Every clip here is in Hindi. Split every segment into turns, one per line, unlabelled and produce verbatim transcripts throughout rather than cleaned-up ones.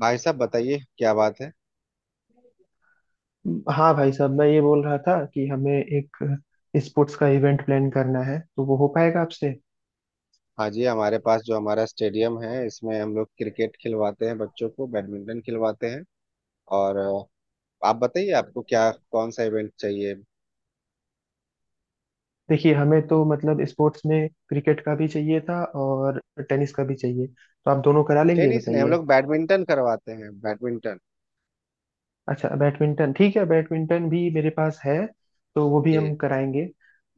भाई साहब बताइए, क्या बात है?
हाँ भाई साहब, मैं ये बोल रहा था कि हमें एक स्पोर्ट्स का इवेंट प्लान करना है, तो वो हो पाएगा आपसे।
हाँ जी, हमारे पास जो हमारा स्टेडियम है, इसमें हम लोग क्रिकेट खिलवाते हैं, बच्चों को बैडमिंटन खिलवाते हैं। और अ, आप बताइए, आपको क्या, कौन सा इवेंट चाहिए?
देखिए, हमें तो मतलब स्पोर्ट्स में क्रिकेट का भी चाहिए था और टेनिस का भी चाहिए, तो आप दोनों करा लेंगे
टेनिस नहीं, हम
बताइए।
लोग बैडमिंटन करवाते हैं, बैडमिंटन।
अच्छा, बैडमिंटन ठीक है, बैडमिंटन भी मेरे पास है, तो वो भी हम
जी
कराएंगे।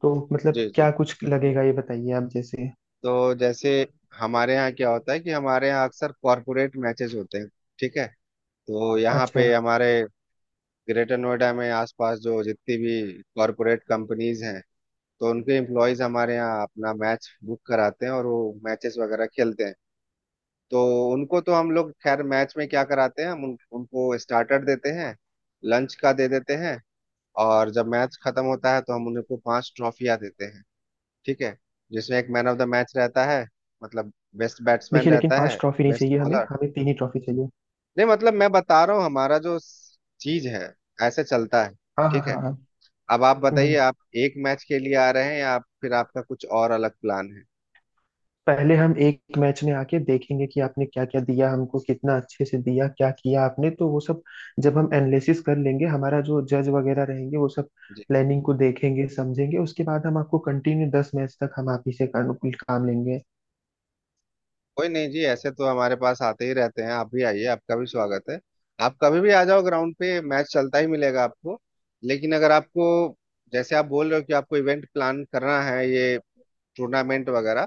तो मतलब
जी।
क्या
जी,
कुछ लगेगा ये बताइए आप जैसे।
तो जैसे हमारे यहाँ क्या होता है कि हमारे यहाँ अक्सर कॉरपोरेट मैचेस होते हैं। ठीक है। तो यहाँ
अच्छा।
पे हमारे ग्रेटर नोएडा में आसपास जो जितनी भी कॉरपोरेट कंपनीज हैं, तो उनके एम्प्लॉयज हमारे यहाँ अपना मैच बुक कराते हैं और वो मैचेस वगैरह खेलते हैं। तो उनको तो हम लोग खैर मैच में क्या कराते हैं, हम उन, उनको स्टार्टर देते हैं, लंच का दे देते हैं। और जब मैच खत्म होता है तो हम उनको पांच ट्रॉफियां देते हैं। ठीक है। जिसमें एक मैन ऑफ द मैच रहता है, मतलब बेस्ट बैट्समैन
देखिए लेकिन
रहता
पांच
है,
ट्रॉफी नहीं
बेस्ट
चाहिए हमें,
बॉलर।
हमें तीन ही ट्रॉफी चाहिए।
नहीं मतलब, मैं बता रहा हूँ, हमारा जो चीज है, ऐसे चलता है।
हाँ हाँ
ठीक है।
हाँ हाँ।
अब आप
हम्म हम्म।
बताइए, आप एक मैच के लिए आ रहे हैं या आप- फिर आपका कुछ और अलग प्लान
पहले हम एक मैच में आके देखेंगे कि आपने क्या क्या दिया हमको, कितना अच्छे से दिया, क्या किया आपने, तो वो सब जब हम एनालिसिस कर लेंगे, हमारा जो जज वगैरह रहेंगे वो सब
है?
प्लानिंग को देखेंगे समझेंगे, उसके बाद हम आपको कंटिन्यू दस मैच तक हम आप ही से कानू- काम लेंगे।
कोई नहीं जी, ऐसे तो हमारे पास आते ही रहते हैं, आप भी आइए, आपका भी स्वागत है। आप कभी भी आ जाओ, ग्राउंड पे मैच चलता ही मिलेगा आपको। लेकिन अगर आपको, जैसे आप बोल रहे हो कि आपको इवेंट प्लान करना है, ये टूर्नामेंट वगैरह,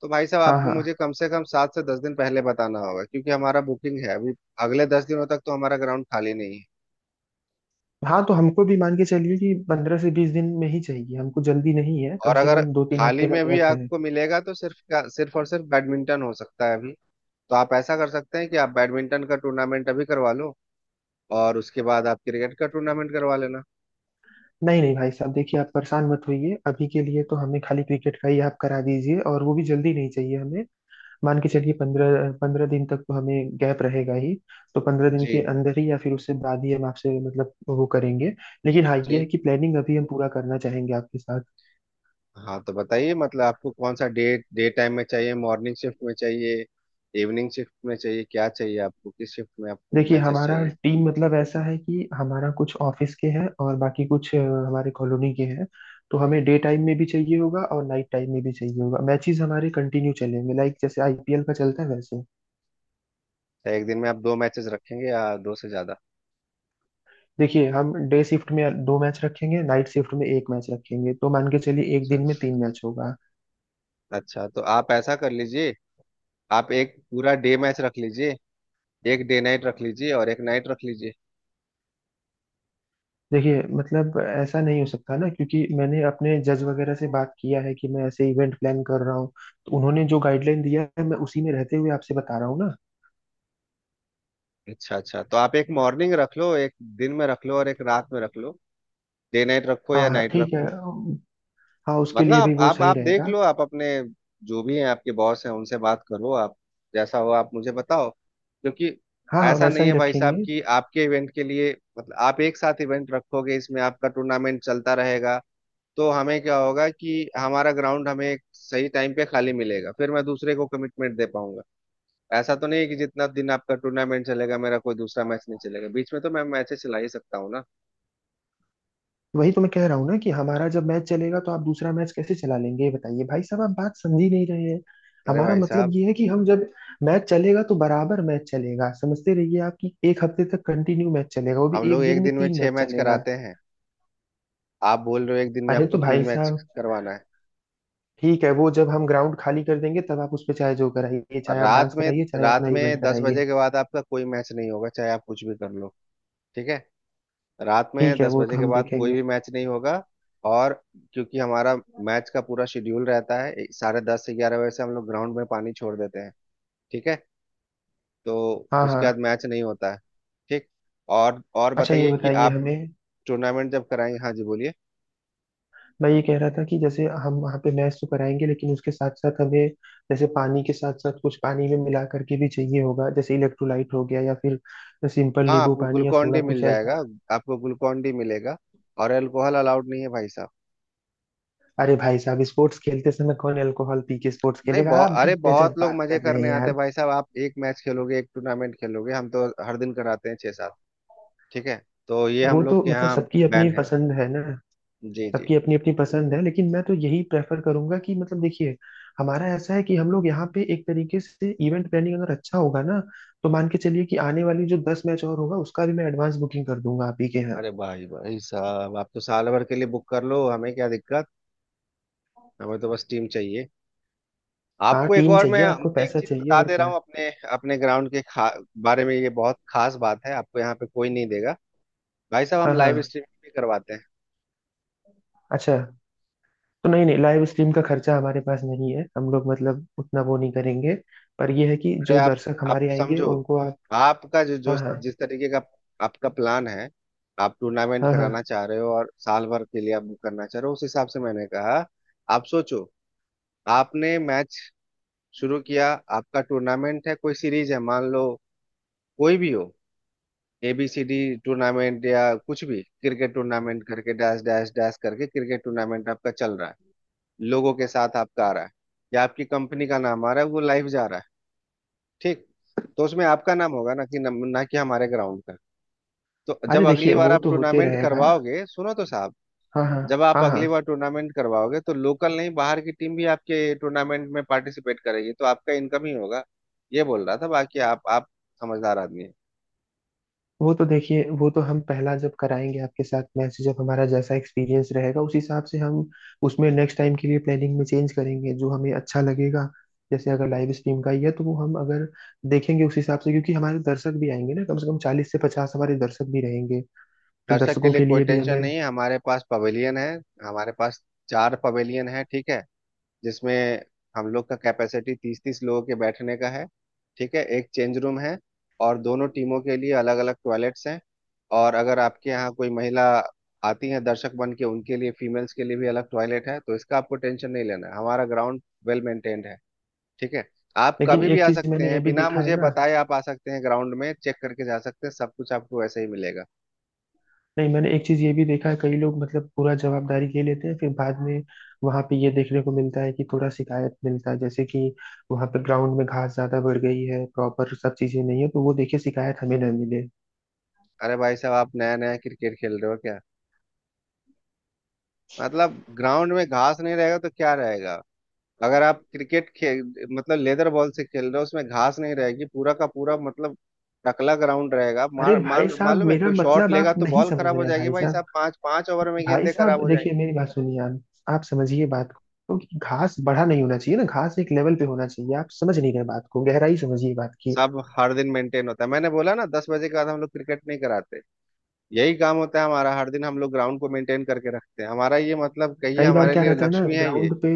तो भाई साहब
हाँ
आपको
हाँ।
मुझे कम से कम सात से दस दिन पहले बताना होगा, क्योंकि हमारा बुकिंग है अभी। अगले दस दिनों तक तो हमारा ग्राउंड खाली नहीं है।
हाँ तो हमको भी मान के चलिए कि पंद्रह से बीस दिन में ही चाहिए, हमको जल्दी नहीं है, कम
और
से
अगर
कम दो तीन
खाली
हफ्ते का
में भी
गैप है।
आपको मिलेगा तो सिर्फ का, सिर्फ और सिर्फ बैडमिंटन हो सकता है अभी। तो आप ऐसा कर सकते हैं कि आप बैडमिंटन का टूर्नामेंट अभी करवा लो, और उसके बाद आप क्रिकेट का टूर्नामेंट करवा लेना।
नहीं नहीं भाई साहब, देखिए आप परेशान मत होइए, अभी के लिए तो हमें खाली क्रिकेट का ही आप करा दीजिए, और वो भी जल्दी नहीं चाहिए हमें। मान के चलिए पंद्रह पंद्रह दिन तक तो हमें गैप रहेगा ही। तो पंद्रह दिन के
जी
अंदर ही या फिर उससे बाद ही हम आपसे मतलब वो करेंगे। लेकिन हाँ ये है
जी।
कि प्लानिंग अभी हम पूरा करना चाहेंगे आपके साथ।
हाँ तो बताइए, मतलब आपको कौन सा डे, डे टाइम में चाहिए, मॉर्निंग शिफ्ट में चाहिए, इवनिंग शिफ्ट में चाहिए, क्या चाहिए आपको, किस शिफ्ट में आपको
देखिए
मैचेस
हमारा
चाहिए?
टीम मतलब ऐसा है कि हमारा कुछ ऑफिस के हैं और बाकी कुछ अ, हमारे कॉलोनी के हैं। तो हमें डे टाइम में भी चाहिए होगा और नाइट टाइम में भी चाहिए होगा, मैचेस हमारे कंटिन्यू चलेंगे, लाइक जैसे आई पी एल का चलता है वैसे।
क्या एक दिन में आप दो मैचेस रखेंगे या दो से ज्यादा?
देखिए हम डे शिफ्ट में दो मैच रखेंगे, नाइट शिफ्ट में एक मैच रखेंगे, तो मान के चलिए एक
अच्छा,
दिन में तीन मैच होगा।
अच्छा तो आप ऐसा कर लीजिए, आप एक पूरा डे मैच रख लीजिए, एक डे नाइट रख लीजिए और एक नाइट रख लीजिए।
देखिए मतलब ऐसा नहीं हो सकता ना, क्योंकि मैंने अपने जज वगैरह से बात किया है कि मैं ऐसे इवेंट प्लान कर रहा हूँ, तो उन्होंने जो गाइडलाइन दिया है मैं उसी में रहते हुए आपसे बता रहा हूँ ना।
अच्छा, अच्छा तो आप एक मॉर्निंग रख लो, एक दिन में रख लो और एक रात में रख लो, डे नाइट रखो
हाँ
या
हाँ
नाइट
ठीक है।
रखो।
हाँ उसके
मतलब
लिए भी
आप
वो
आप
सही
आप देख
रहेगा।
लो, आप अपने जो भी हैं आपके बॉस हैं, उनसे बात करो आप। जैसा हो आप मुझे बताओ, क्योंकि
हाँ हाँ
ऐसा
वैसा
नहीं
ही
है भाई साहब
रखेंगे।
कि आपके इवेंट के लिए, मतलब आप एक साथ इवेंट रखोगे, इसमें आपका टूर्नामेंट चलता रहेगा तो हमें क्या होगा कि हमारा ग्राउंड हमें सही टाइम पे खाली मिलेगा, फिर मैं दूसरे को कमिटमेंट दे पाऊंगा। ऐसा तो नहीं है कि जितना दिन आपका टूर्नामेंट चलेगा मेरा कोई दूसरा मैच नहीं चलेगा, बीच में तो मैं मैचेस चला ही सकता हूँ ना?
वही तो मैं कह रहा हूँ ना कि हमारा जब मैच चलेगा तो आप दूसरा मैच कैसे चला लेंगे, ये बताइए भाई साहब, आप बात समझ ही नहीं रहे हैं।
अरे
हमारा
भाई
मतलब
साहब,
ये है कि हम जब मैच चलेगा तो बराबर मैच चलेगा, समझते रहिए आप, कि एक हफ्ते तक कंटिन्यू मैच चलेगा, वो भी
हम लोग
एक दिन
एक
में
दिन में
तीन
छह
मैच
मैच
चलेगा।
कराते हैं, आप बोल रहे हो एक दिन में
अरे
आपको
तो
तीन
भाई
मैच
साहब,
करवाना है।
ठीक है वो जब हम ग्राउंड खाली कर देंगे तब आप उस पे चाहे जो कराइए,
और
चाहे आप
रात
डांस
में,
कराइए, चाहे
रात
अपना इवेंट
में दस
कराइए।
बजे के बाद आपका कोई मैच नहीं होगा, चाहे आप कुछ भी कर लो। ठीक है, रात में
ठीक है
दस
वो
बजे
तो
के
हम
बाद कोई
देखेंगे।
भी मैच नहीं होगा। और क्योंकि हमारा मैच का पूरा शेड्यूल रहता है, ए- साढ़े दस से ग्यारह बजे से हम लोग ग्राउंड में पानी छोड़ देते हैं। ठीक है। तो
हाँ
उसके बाद
हाँ।
मैच नहीं होता है। ठीक। और और
अच्छा ये
बताइए कि
बताइए
आप
हमें,
टूर्नामेंट जब कराएंगे, हाँ जी बोलिए।
मैं ये कह रहा था कि जैसे हम वहाँ पे मैच तो कराएंगे लेकिन उसके साथ साथ हमें, जैसे पानी के साथ साथ कुछ पानी में मिला करके भी चाहिए होगा, जैसे इलेक्ट्रोलाइट हो गया या फिर सिंपल
हाँ,
नींबू
आपको
पानी या
ग्लूकॉन
सोडा
डी मिल
कुछ
जाएगा,
ऐसा।
आपको ग्लूकॉन डी मिलेगा, और अल्कोहल अलाउड नहीं है भाई साहब।
अरे भाई साहब, स्पोर्ट्स खेलते समय कौन अल्कोहल पी के स्पोर्ट्स
नहीं,
खेलेगा,
बहुत,
आप भी
अरे
गजब
बहुत लोग
बात
मजे
कर रहे
करने
हैं
आते
यार।
हैं भाई साहब। आप एक मैच खेलोगे, एक टूर्नामेंट खेलोगे, हम तो हर दिन कराते हैं छह सात। ठीक है। तो ये हम
वो
लोग
तो
के
मतलब
यहाँ
सबकी अपनी
बैन है।
पसंद है ना।
जी जी।
सबकी अपनी अपनी पसंद है, लेकिन मैं तो यही प्रेफर करूंगा कि मतलब देखिए, हमारा ऐसा है कि हम लोग यहाँ पे एक तरीके से इवेंट प्लानिंग अगर अच्छा होगा ना, तो मान के चलिए कि आने वाली जो दस मैच और होगा उसका भी मैं एडवांस बुकिंग कर दूंगा आप ही के यहाँ।
अरे भाई भाई साहब, आप तो साल भर के लिए बुक कर लो, हमें क्या दिक्कत? हमें तो बस टीम चाहिए।
हाँ
आपको एक,
टीम
और मैं
चाहिए आपको,
एक
पैसा
चीज
चाहिए,
बता
और
दे रहा
क्या।
हूँ अपने अपने ग्राउंड के खा, बारे में, ये बहुत खास बात है, आपको यहाँ पे कोई नहीं देगा। भाई साहब,
हाँ
हम लाइव
हाँ।
स्ट्रीमिंग भी करवाते हैं।
अच्छा। तो नहीं नहीं, लाइव स्ट्रीम का खर्चा हमारे पास नहीं है, हम लोग मतलब उतना वो नहीं करेंगे। पर यह है कि
अरे
जो
आप
दर्शक
आप
हमारे आएंगे
समझो,
उनको आप।
आपका जो जो,
हाँ हाँ।
जिस तरीके का आपका प्लान है, आप टूर्नामेंट
हाँ हाँ।
कराना चाह रहे हो और साल भर के लिए आप बुक करना चाह रहे हो, उस हिसाब से मैंने कहा। आप सोचो, आपने मैच शुरू किया, आपका टूर्नामेंट है, कोई सीरीज है मान लो, कोई भी हो, एबीसीडी टूर्नामेंट या कुछ भी, क्रिकेट टूर्नामेंट करके डैश डैश डैश करके क्रिकेट टूर्नामेंट आपका चल रहा है, लोगों के साथ आपका आ रहा है या आपकी कंपनी का नाम आ रहा है, वो लाइव जा रहा है। ठीक। तो उसमें आपका नाम होगा ना, कि नम- ना कि हमारे ग्राउंड का। तो जब
अरे
अगली
देखिए
बार
वो
आप
तो होते
टूर्नामेंट
रहेगा।
करवाओगे, सुनो तो साहब,
हाँ हाँ।
जब आप
हाँ हाँ।
अगली बार टूर्नामेंट करवाओगे तो लोकल नहीं, बाहर की टीम भी आपके टूर्नामेंट में पार्टिसिपेट करेगी, तो आपका इनकम ही होगा, ये बोल रहा था। बाकी आप आप समझदार आदमी है।
वो तो देखिए, वो तो हम पहला जब कराएंगे आपके साथ मैच, जब हमारा जैसा एक्सपीरियंस रहेगा, उस हिसाब से हम उसमें नेक्स्ट टाइम के लिए प्लानिंग में चेंज करेंगे जो हमें अच्छा लगेगा। जैसे अगर लाइव स्ट्रीम का ही है तो वो हम अगर देखेंगे उस हिसाब से, क्योंकि हमारे दर्शक भी आएंगे ना, कम से कम चालीस से पचास हमारे दर्शक भी रहेंगे। तो
दर्शक के
दर्शकों
लिए
के
कोई
लिए भी
टेंशन
हमें।
नहीं है, हमारे पास पवेलियन है, हमारे पास चार पवेलियन है। ठीक है। जिसमें हम लोग का कैपेसिटी तीस तीस लोगों के बैठने का है। ठीक है। एक चेंज रूम है, और दोनों टीमों के लिए अलग अलग टॉयलेट्स हैं। और अगर आपके यहाँ कोई महिला आती हैं दर्शक बन के, उनके लिए, फीमेल्स के लिए भी अलग टॉयलेट है, तो इसका आपको टेंशन नहीं लेना है, हमारा ग्राउंड वेल मेंटेन्ड है। ठीक है। आप
लेकिन
कभी भी
एक
आ
चीज
सकते
मैंने ये
हैं,
भी
बिना
देखा है
मुझे
ना,
बताए आप आ सकते हैं, ग्राउंड में चेक करके जा सकते हैं, सब कुछ आपको ऐसे ही मिलेगा।
नहीं मैंने एक चीज ये भी देखा है, कई लोग मतलब पूरा जवाबदारी ले लेते हैं, फिर बाद में वहां पे ये देखने को मिलता है कि थोड़ा शिकायत मिलता है, जैसे कि वहां पे ग्राउंड में घास ज्यादा बढ़ गई है, प्रॉपर सब चीजें नहीं है, तो वो देखिए शिकायत हमें ना मिले।
अरे भाई साहब, आप नया नया क्रिकेट खेल रहे हो क्या? मतलब ग्राउंड में घास नहीं रहेगा तो क्या रहेगा? अगर आप क्रिकेट खेल, मतलब लेदर बॉल से खेल रहे हो, उसमें घास नहीं रहेगी, पूरा का पूरा मतलब टकला ग्राउंड रहेगा,
अरे
मार,
भाई
मान
साहब
मालूम है,
मेरा
कोई शॉट
मतलब
लेगा
आप
तो
नहीं
बॉल
समझ
खराब
रहे
हो
हैं
जाएगी
भाई
भाई
साहब।
साहब, पांच पांच ओवर में
भाई
गेंदे खराब
साहब
हो जाएंगी।
देखिए मेरी बात सुनिए आप आप समझिए बात को, कि घास बढ़ा नहीं होना चाहिए ना, घास एक लेवल पे होना चाहिए, आप समझ नहीं रहे बात को, गहराई समझिए बात की।
सब हर दिन मेंटेन होता है, मैंने बोला ना दस बजे के बाद हम लोग क्रिकेट नहीं कराते, यही काम होता है हमारा हर दिन, हम लोग ग्राउंड को मेंटेन करके रखते हैं, हमारा ये मतलब कहिए
कई बार
हमारे
क्या
लिए
रहता है ना,
लक्ष्मी है ये।
ग्राउंड पे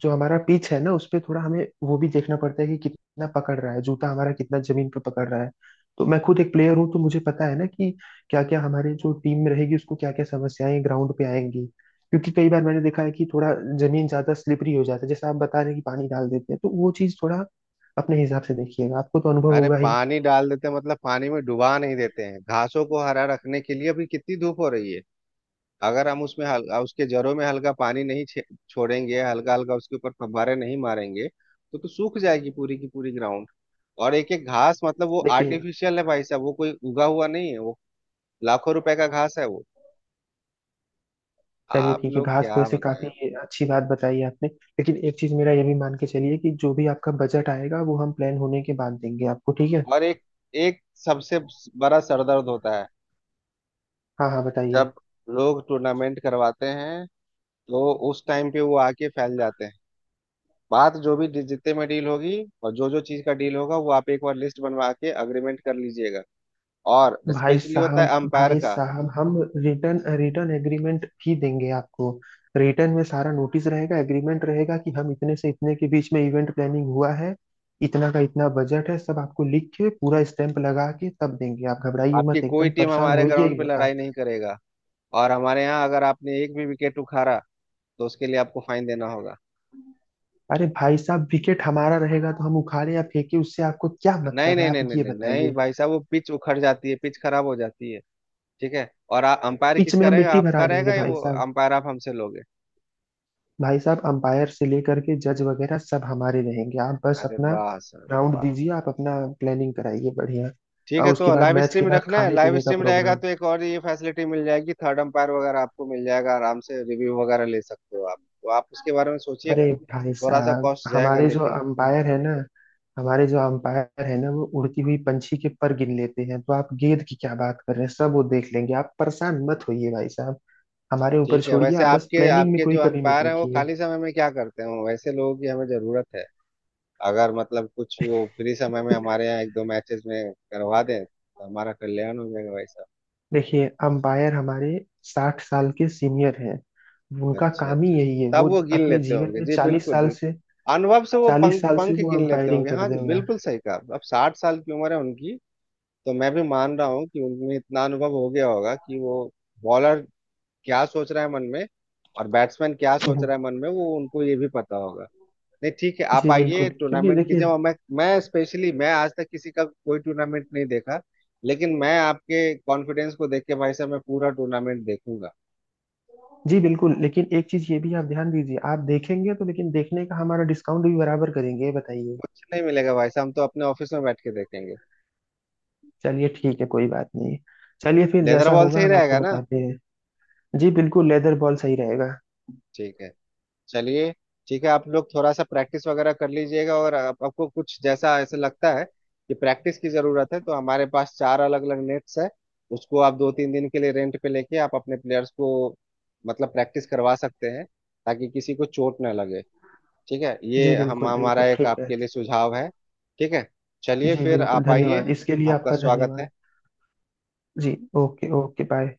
जो हमारा पिच है ना, उस पे थोड़ा हमें वो भी देखना पड़ता है कि कितना पकड़ रहा है, जूता हमारा कितना जमीन पर पकड़ रहा है। तो मैं खुद एक प्लेयर हूँ तो मुझे पता है ना कि क्या क्या हमारे जो टीम में रहेगी उसको क्या क्या समस्याएं ग्राउंड पे आएंगी। क्योंकि कई बार मैंने देखा है कि थोड़ा जमीन ज्यादा स्लिपरी हो जाता है, जैसे आप बता रहे हैं कि पानी डाल देते हैं तो वो चीज थोड़ा अपने हिसाब से देखिएगा, आपको तो अनुभव
अरे
होगा ही।
पानी डाल देते हैं मतलब पानी में डुबा नहीं देते हैं, घासों को हरा रखने के लिए, अभी कितनी धूप हो रही है, अगर हम उसमें हल, उसके जड़ों में हल्का पानी नहीं छे- छोड़ेंगे, हल्का हल्का उसके ऊपर फव्वारे नहीं मारेंगे तो, तो सूख जाएगी पूरी की पूरी ग्राउंड। और एक एक घास मतलब, वो
देखिए
आर्टिफिशियल है भाई साहब, वो कोई उगा हुआ नहीं है वो, लाखों रुपए का घास है वो,
चलिए
आप
ठीक है,
लोग
घास तो
क्या
ऐसे
बताएं।
काफी अच्छी बात बताई है आपने, लेकिन एक चीज मेरा ये भी मान के चलिए कि जो भी आपका बजट आएगा वो हम प्लान होने के बाद देंगे आपको ठीक है।
और एक एक सबसे बड़ा सरदर्द होता है,
हाँ हाँ बताइए।
जब लोग टूर्नामेंट करवाते हैं, तो उस टाइम पे वो आके फैल जाते हैं। बात जो भी जितने में डील होगी, और जो जो चीज का डील होगा वो आप एक बार लिस्ट बनवा के अग्रीमेंट कर लीजिएगा। और
भाई
स्पेशली होता
साहब
है अंपायर
भाई
का।
साहब हम रिटर्न रिटर्न एग्रीमेंट भी देंगे आपको, रिटर्न में सारा नोटिस रहेगा, एग्रीमेंट रहेगा कि हम इतने से इतने के बीच में इवेंट प्लानिंग हुआ है, इतना का इतना बजट है, सब आपको लिख के पूरा स्टैंप लगा के तब देंगे, आप घबराइए
आपकी
मत,
कोई
एकदम
टीम
परेशान
हमारे
होइए
ग्राउंड
ही
पे
मत
लड़ाई
आप।
नहीं करेगा। और हमारे यहाँ अगर आपने एक भी विकेट उखाड़ा, तो उसके लिए आपको फाइन देना होगा।
अरे भाई साहब विकेट हमारा रहेगा तो हम उखाड़े या फेंके, उससे आपको क्या
नहीं
मतलब है,
नहीं
आप
नहीं नहीं
ये
नहीं नहीं
बताइए।
भाई साहब, वो पिच उखड़ जाती है, पिच खराब हो जाती है। ठीक है। और आ, अंपायर
पिच में
किसका
हम
रहेगा,
मिट्टी
आपका
भरा देंगे
रहेगा या
भाई
वो
साहब।
अंपायर आप हमसे लोगे?
भाई साहब अंपायर से लेकर के जज वगैरह सब हमारे रहेंगे, आप बस
अरे
अपना
वाह सर,
राउंड
वाह।
दीजिए, आप अपना प्लानिंग कराइए बढ़िया।
ठीक है,
और उसके
तो
बाद
लाइव
मैच के
स्ट्रीम
बाद
रखना है,
खाने
लाइव
पीने का
स्ट्रीम रहेगा
प्रोग्राम।
तो एक और ये फैसिलिटी मिल जाएगी, थर्ड अंपायर वगैरह आपको मिल जाएगा, आराम से रिव्यू वगैरह ले सकते हो आप, तो आप उसके बारे में सोचिएगा।
अरे भाई
थोड़ा सा
साहब
कॉस्ट जाएगा
हमारे जो
लेकिन
अंपायर है ना, हमारे जो अंपायर है ना वो उड़ती हुई पंछी के पर गिन लेते हैं, तो आप गेंद की क्या बात कर रहे हैं, सब वो देख लेंगे, आप परेशान मत होइए भाई साहब, हमारे ऊपर
ठीक है।
छोड़िए,
वैसे
आप बस
आपके
प्लानिंग में
आपके
कोई
जो
कमी मत
अंपायर हैं वो
रखिए।
खाली समय में क्या करते हैं, वैसे लोगों की हमें जरूरत है। अगर मतलब कुछ वो फ्री समय में हमारे यहाँ एक दो मैचेस में करवा दें तो हमारा कल्याण हो जाएगा भाई साहब।
देखिए अंपायर हमारे साठ साल के सीनियर हैं, उनका
अच्छा
काम ही
अच्छा,
यही है,
तब
वो
वो गिन
अपने
लेते
जीवन
होंगे
में
जी,
चालीस
बिल्कुल
साल
बिल्कुल,
से
अनुभव से वो
चालीस
पंख
साल से
पंख
वो
गिन लेते
अंपायरिंग
होंगे,
कर
हाँ जी
रहे हैं।
बिल्कुल सही कहा, अब साठ साल की उम्र है उनकी, तो मैं भी मान रहा हूँ कि उनमें इतना अनुभव हो गया होगा कि वो बॉलर क्या सोच रहा है मन में और बैट्समैन क्या
यार
सोच रहा है मन में, वो उनको ये भी पता होगा। नहीं ठीक है, आप
जी
आइए,
बिल्कुल, क्योंकि
टूर्नामेंट कीजिए,
देखिए।
और मैं मैं स्पेशली, मैं आज तक किसी का कोई टूर्नामेंट नहीं देखा, लेकिन मैं आपके कॉन्फिडेंस को देख के भाई साहब मैं पूरा टूर्नामेंट देखूंगा।
जी बिल्कुल, लेकिन एक चीज ये भी आप ध्यान दीजिए, आप देखेंगे तो लेकिन देखने का हमारा डिस्काउंट भी बराबर करेंगे ये बताइए।
कुछ नहीं मिलेगा भाई साहब, हम तो अपने ऑफिस में बैठ के देखेंगे।
चलिए ठीक है कोई बात नहीं। चलिए फिर
लेदर
जैसा
बॉल से
होगा
ही
हम आपको
रहेगा ना?
बताते हैं। जी बिल्कुल, लेदर बॉल सही रहेगा।
ठीक है। चलिए, ठीक है, आप लोग थोड़ा सा प्रैक्टिस वगैरह कर लीजिएगा, और आप, आपको कुछ जैसा ऐसा लगता है कि प्रैक्टिस की जरूरत है, तो हमारे पास चार अलग अलग नेट्स है, उसको आप दो तीन दिन के लिए रेंट पे लेके आप अपने प्लेयर्स को मतलब प्रैक्टिस करवा सकते हैं, ताकि किसी को चोट ना लगे। ठीक है,
जी
ये हम,
बिल्कुल
हमारा
बिल्कुल
एक
ठीक है।
आपके लिए सुझाव है। ठीक है, चलिए
जी
फिर,
बिल्कुल
आप आइए,
धन्यवाद, इसके लिए
आपका
आपका
स्वागत है।
धन्यवाद। जी। Okay okay bye.